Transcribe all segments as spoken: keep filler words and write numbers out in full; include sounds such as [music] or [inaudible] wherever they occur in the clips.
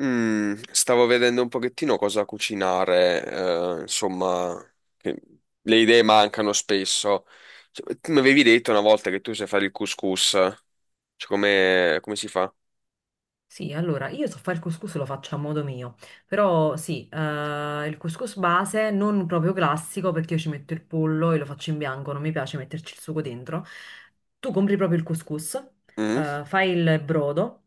Mm, stavo vedendo un pochettino cosa cucinare, eh, insomma, che le idee mancano spesso. Cioè, tu mi avevi detto una volta che tu sai fare il couscous, cioè come, come si fa? Sì, allora io so fare il couscous, lo faccio a modo mio, però sì, eh, il couscous base non proprio classico perché io ci metto il pollo e lo faccio in bianco, non mi piace metterci il sugo dentro. Tu compri proprio il couscous, Mm, eh, fai il brodo,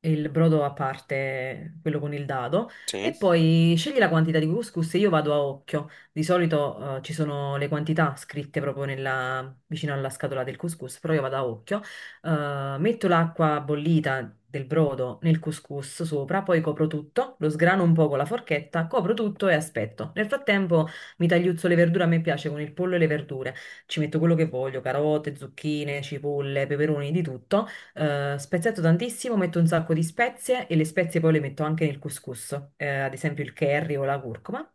il brodo a parte, quello con il dado, sì. e poi scegli la quantità di couscous e io vado a occhio. Di solito eh, ci sono le quantità scritte proprio nella- vicino alla scatola del couscous, però io vado a occhio. Eh, metto l'acqua bollita del brodo nel couscous sopra, poi copro tutto, lo sgrano un po' con la forchetta, copro tutto e aspetto. Nel frattempo mi tagliuzzo le verdure, a me piace con il pollo e le verdure. Ci metto quello che voglio, carote, zucchine, cipolle, peperoni, di tutto. Eh, speziato tantissimo, metto un sacco di spezie e le spezie poi le metto anche nel couscous, eh, ad esempio il curry o la curcuma.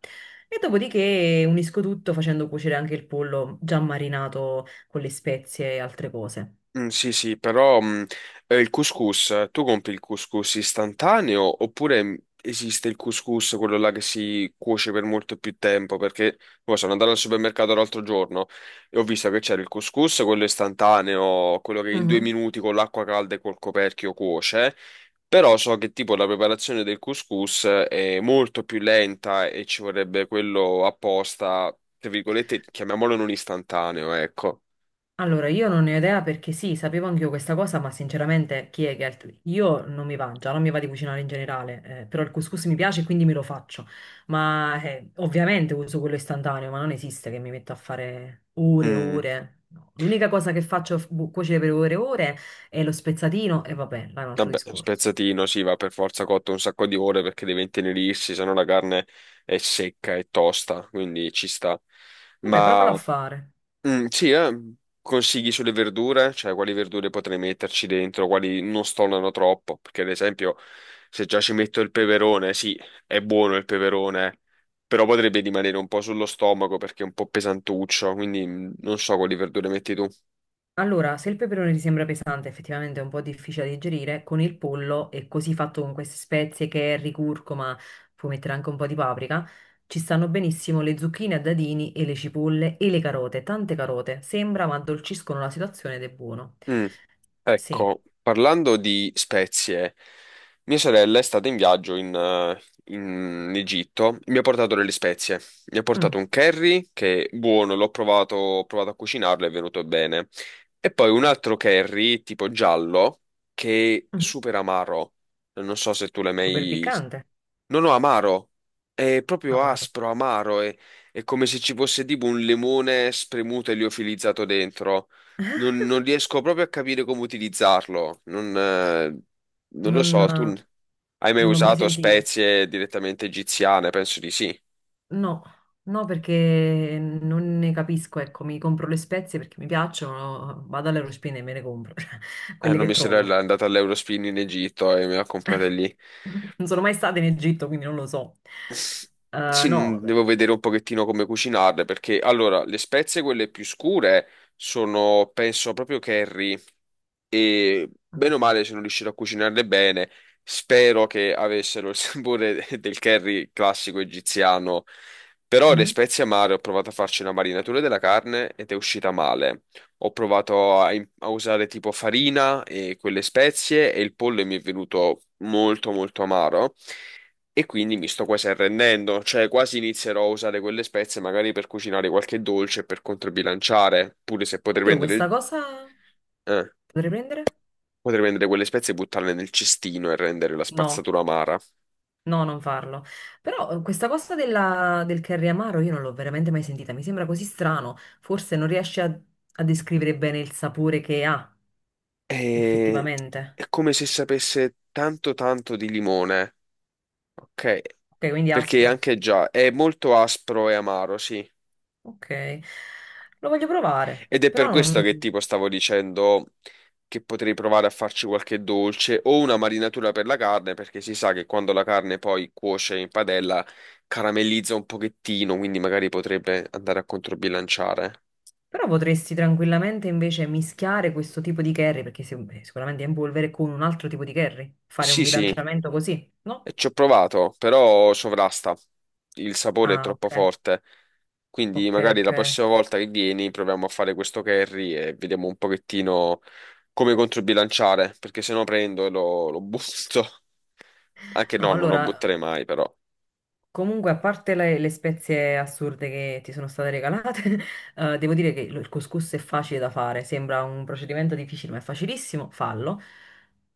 E dopodiché unisco tutto facendo cuocere anche il pollo già marinato con le spezie e altre cose. Mm, sì, sì, però mm, eh, il couscous, eh, tu compri il couscous istantaneo oppure mm, esiste il couscous, quello là che si cuoce per molto più tempo? Perché poi sono andato al supermercato l'altro giorno e ho visto che c'era il couscous, quello istantaneo, quello che in due Mhm. minuti con l'acqua calda e col coperchio cuoce, però so che tipo la preparazione del couscous è molto più lenta e ci vorrebbe quello apposta, tra virgolette, chiamiamolo non istantaneo, ecco. Allora, io non ne ho idea perché sì, sapevo anch'io questa cosa, ma sinceramente, Kegel, io non mi va già, non mi va di cucinare in generale, eh, però il couscous mi piace e quindi me lo faccio. Ma eh, ovviamente uso quello istantaneo, ma non esiste che mi metto a fare ore e Mm. ore. No. L'unica cosa che faccio f- bu- cuocere per ore e ore è lo spezzatino e vabbè, là è un altro Vabbè, discorso. spezzatino, sì, va per forza cotto un sacco di ore perché deve intenerirsi, se no la carne è secca e tosta, quindi ci sta. Vabbè, provalo a Ma fare. mm, sì, eh, consigli sulle verdure, cioè quali verdure potrei metterci dentro, quali non stonano troppo, perché ad esempio se già ci metto il peperone, sì, è buono il peperone, però potrebbe rimanere un po' sullo stomaco perché è un po' pesantuccio, quindi mm, non so quali verdure metti tu. Allora, se il peperone ti sembra pesante, effettivamente è un po' difficile da digerire, con il pollo è così fatto con queste spezie, curry, curcuma, puoi mettere anche un po' di paprika, ci stanno benissimo le zucchine a dadini e le cipolle e le carote, tante carote, sembra ma addolciscono la situazione ed è buono. Mm. Sì. Ecco, parlando di spezie, mia sorella è stata in viaggio in, eh, in Egitto, mi ha portato delle spezie. Mi ha Mm. portato un curry che è buono, l'ho provato, ho provato a cucinarlo, è venuto bene. E poi un altro curry tipo giallo che è Mhm. super amaro. Non so se tu l'hai Super mai... piccante. No, no, amaro. È proprio Amaro. aspro, amaro. È, è come se ci fosse tipo un limone spremuto e liofilizzato dentro. Non, non riesco proprio a capire come utilizzarlo. Non, eh, non lo non, so, tu eh, n- hai mai Non l'ho mai usato sentito. spezie direttamente egiziane? Penso di sì. No, no, perché non ne capisco, ecco, mi compro le spezie perché mi piacciono, vado all'Eurospin e me ne compro, [laughs] Eh, quelle no, che mia sorella è trovo. andata all'Eurospin in Egitto e me l'ha comprata lì. [laughs] Non sono mai stata in Egitto, quindi non lo so. Eh, Sì, mh, no, beh. devo vedere un pochettino come cucinarle perché allora le spezie quelle più scure sono penso proprio curry e bene o male sono riuscito a cucinarle bene. Spero che avessero il [laughs] sapore del curry classico egiziano, però le Mhm. spezie amare ho provato a farci una marinatura della carne ed è uscita male. Ho provato a, im- a usare tipo farina e quelle spezie e il pollo mi è venuto molto molto amaro. E quindi mi sto quasi arrendendo, cioè quasi inizierò a usare quelle spezie magari per cucinare qualche dolce per controbilanciare, pure se potrei Oddio, prendere questa il- cosa eh, potrei prendere? potrei prendere quelle spezie e buttarle nel cestino e rendere la No, spazzatura amara. no, non farlo. Però eh, questa cosa della- del curry amaro io non l'ho veramente mai sentita, mi sembra così strano, forse non riesce a a descrivere bene il sapore che ha E... effettivamente. È come se sapesse tanto tanto di limone, ok? Ok, quindi Perché aspro. anche già è molto aspro e amaro, sì. Ok, lo voglio provare, Ed è per però, questo che non- tipo stavo dicendo che potrei provare a farci qualche dolce o una marinatura per la carne, perché si sa che quando la carne poi cuoce in padella caramellizza un pochettino, quindi magari potrebbe andare a controbilanciare. però potresti tranquillamente invece mischiare questo tipo di curry, perché sic- sicuramente è in polvere, con un altro tipo di curry, fare un Sì, sì. bilanciamento così, no? E ci ho provato, però sovrasta. Il sapore è Ah, troppo ok, forte. Quindi ok, magari ok. la prossima volta che vieni proviamo a fare questo curry e vediamo un pochettino come controbilanciare, perché se no prendo e lo, lo butto. [laughs] Anche No, no, non lo allora butterei mai, però. comunque, a parte le, le spezie assurde che ti sono state regalate, [laughs] eh, devo dire che lo- il couscous è facile da fare, sembra un procedimento difficile, ma è facilissimo, fallo.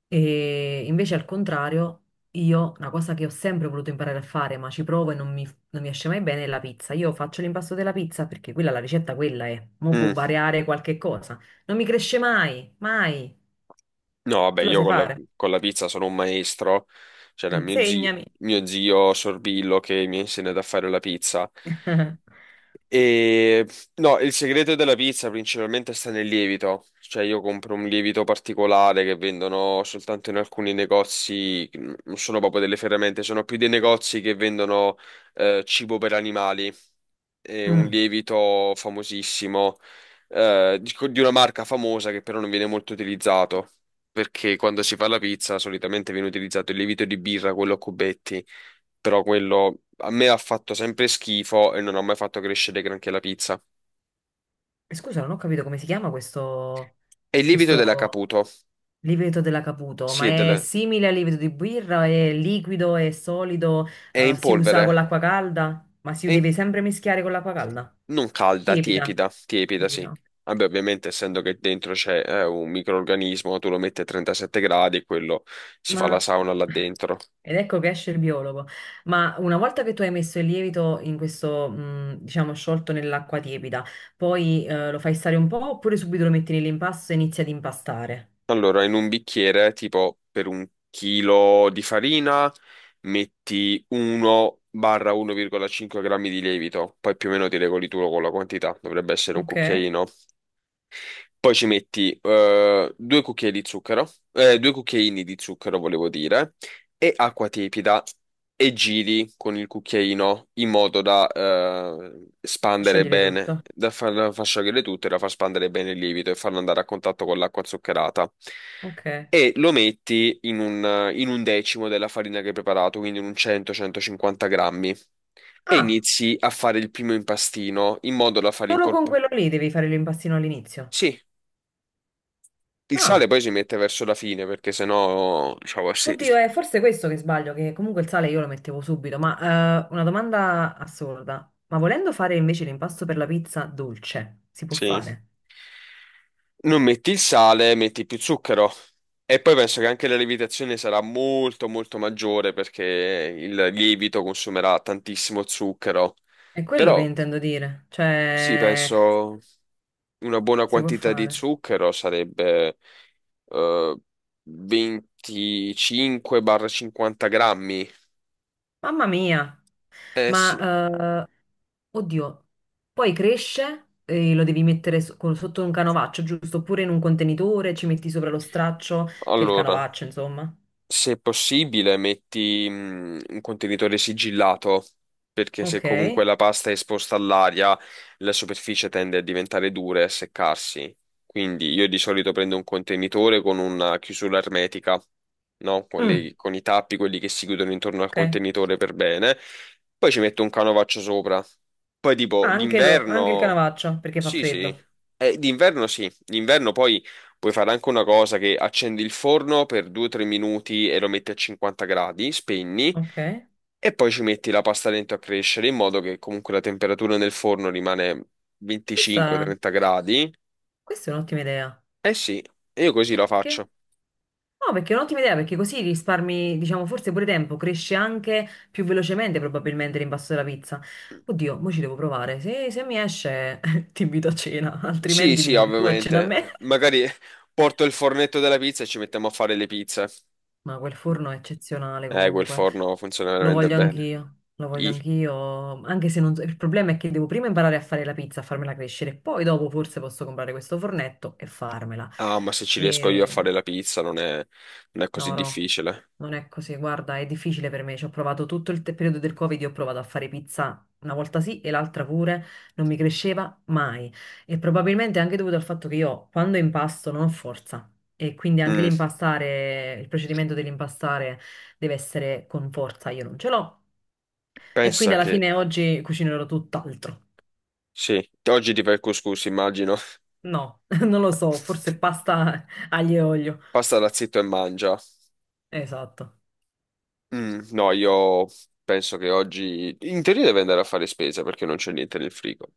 E invece al contrario, io una cosa che ho sempre voluto imparare a fare, ma ci provo e non mi, non mi esce mai bene, è la pizza. Io faccio l'impasto della pizza perché quella, la ricetta quella è, mo può Mm. variare qualche cosa. Non mi cresce mai, mai. No, vabbè, Tu la io sai con la, fare? con la pizza sono un maestro. C'era mio zio, Insegnami. mio zio Sorbillo che mi ha insegnato a fare la pizza. [laughs] E no, il segreto della pizza principalmente sta nel lievito. Cioè, io compro un lievito particolare che vendono soltanto in alcuni negozi, non sono proprio delle ferramente, sono più dei negozi che vendono eh, cibo per animali. È un Mm. lievito famosissimo, eh, di di una marca famosa che però non viene molto utilizzato. Perché quando si fa la pizza solitamente viene utilizzato il lievito di birra, quello a cubetti, però quello a me ha fatto sempre schifo e non ha mai fatto crescere granché la pizza. E scusa, non ho capito come si chiama questo, E il lievito della questo Caputo, lievito dell'acaputo, ma sì, è, è del- simile al lievito di birra? È liquido, è solido, è eh, in si usa con polvere, l'acqua calda? Ma si è in- deve sempre mischiare con l'acqua calda? non calda, Lievita, tiepida, tiepida, sì. lievita. Ok. Vabbè, ovviamente, essendo che dentro c'è eh, un microrganismo, tu lo metti a trentasette gradi e quello si fa la Ma... sauna là dentro. Ed ecco che esce il biologo. Ma una volta che tu hai messo il lievito in questo, mh, diciamo, sciolto nell'acqua tiepida, poi eh, lo fai stare un po' oppure subito lo metti nell'impasto e inizi ad impastare? Allora, in un bicchiere, tipo per un chilo di farina, metti uno-uno virgola cinque grammi di lievito, poi più o meno ti regoli tu con la quantità, dovrebbe essere un Ok? cucchiaino. Poi ci metti eh, due cucchiai di zucchero, eh, due cucchiaini di zucchero, volevo dire, e acqua tiepida e giri con il cucchiaino in modo da eh, spandere Sciogliere bene, tutto. da far, da far sciogliere tutto e da far spandere bene il lievito e farlo andare a contatto con l'acqua zuccherata. Ok. E lo metti in un, in un decimo della farina che hai preparato, quindi in un cento centocinquanta grammi, e Ah, inizi a fare il primo impastino in modo da far solo con incorporare. quello lì devi fare l'impastino all'inizio. Il sale Ah, poi si mette verso la fine perché sennò, diciamo, sì, oddio, è forse questo che sbaglio, che comunque il sale io lo mettevo subito, ma eh, una domanda assurda. Ma volendo fare invece l'impasto per la pizza dolce, si può sì. fare? Non metti il sale, metti più zucchero. E poi penso che anche la lievitazione sarà molto molto maggiore perché il lievito consumerà tantissimo zucchero. È quello che Però intendo dire, sì, cioè penso una buona si può quantità di fare. zucchero sarebbe eh, da venticinque a cinquanta grammi. Mamma mia, Eh sì, ma eh, oddio, poi cresce e lo devi mettere so- con- sotto un canovaccio, giusto? Oppure in un contenitore, ci metti sopra lo straccio, che è il allora. canovaccio, insomma. Se possibile, metti mh, un contenitore sigillato, perché se Ok. comunque la pasta è esposta all'aria, la superficie tende a diventare dura e a seccarsi. Quindi io di solito prendo un contenitore con una chiusura ermetica, no? Con Mm. le- con i tappi, quelli che si chiudono intorno al Ok. contenitore per bene. Poi ci metto un canovaccio sopra. Poi tipo Ah, anche, do- anche il d'inverno. Canavaccio perché fa Sì, sì. freddo. Eh, d'inverno sì, d'inverno poi puoi fare anche una cosa che accendi il forno per due o tre minuti e lo metti a cinquanta gradi, spegni Ok. e poi ci metti la pasta dentro a crescere in modo che comunque la temperatura nel forno rimane Questa, venticinque trenta gradi. questa è un'ottima idea. Eh sì, io così la Perché? faccio. No, perché è un'ottima idea perché così risparmi, diciamo, forse pure tempo, cresce anche più velocemente probabilmente l'impasto della pizza. Oddio, mo ci devo provare. Se, se mi esce, [laughs] ti invito a cena, Sì, altrimenti mi sì, inviti tu a cena a me. ovviamente. Magari porto il fornetto della pizza e ci mettiamo a fare le pizze. Ma quel forno è eccezionale Eh, quel comunque. forno funziona Lo veramente voglio bene. anch'io, lo voglio anch'io, anche se non so- il problema è che devo prima imparare a fare la pizza, a farmela crescere, poi dopo forse posso comprare questo fornetto e farmela. Ah, ma se ci riesco io a fare la pizza non è, non è così No, no, difficile. non è così. Guarda, è difficile per me. Ci ho provato tutto il te- periodo del Covid, io ho provato a fare pizza una volta sì e l'altra pure, non mi cresceva mai. E probabilmente è anche dovuto al fatto che io quando impasto non ho forza. E quindi anche Mm, l'impastare, il procedimento dell'impastare deve essere con forza, io non ce l'ho. E quindi pensa alla che... fine oggi cucinerò tutt'altro. Sì, oggi ti fai il couscous, immagino. No, [laughs] non lo so, forse [laughs] pasta aglio e olio. Pasta da zitto e mangia. Esatto. Mm, no, io penso che oggi... In teoria devo andare a fare spesa perché non c'è niente nel frigo.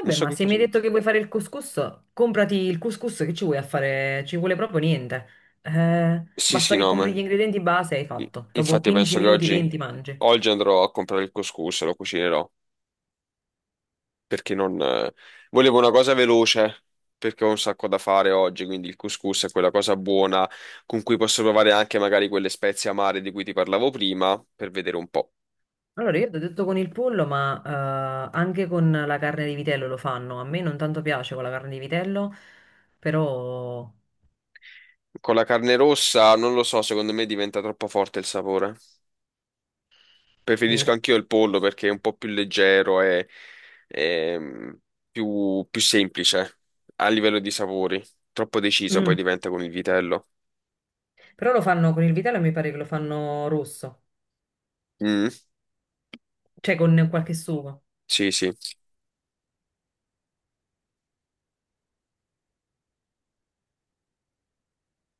Non so ma che se mi cosa hai detto mangio. che vuoi fare il couscous, comprati il couscous che ci vuoi a fare, ci vuole proprio niente. Eh, Sì, sì, basta che no, compri ma... gli ingredienti base e hai fatto. Dopo Infatti quindici penso che minuti, oggi... venti mangi. Oggi andrò a comprare il couscous e lo cucinerò. Perché non... eh, volevo una cosa veloce, perché ho un sacco da fare oggi, quindi il couscous è quella cosa buona con cui posso provare anche magari quelle spezie amare di cui ti parlavo prima, per vedere un po'. Allora, io ti ho detto con il pollo, ma eh, anche con la carne di vitello lo fanno. A me non tanto piace con la carne di vitello, però... Con la carne rossa, non lo so, secondo me diventa troppo forte il sapore. Preferisco boh. anch'io il pollo perché è un po' più leggero e, e, mm, più, più semplice a livello di sapori. Troppo deciso poi Mm. diventa con il vitello. Però lo fanno con il vitello e mi pare che lo fanno rosso, Mm, cioè con qualche sugo. sì, sì.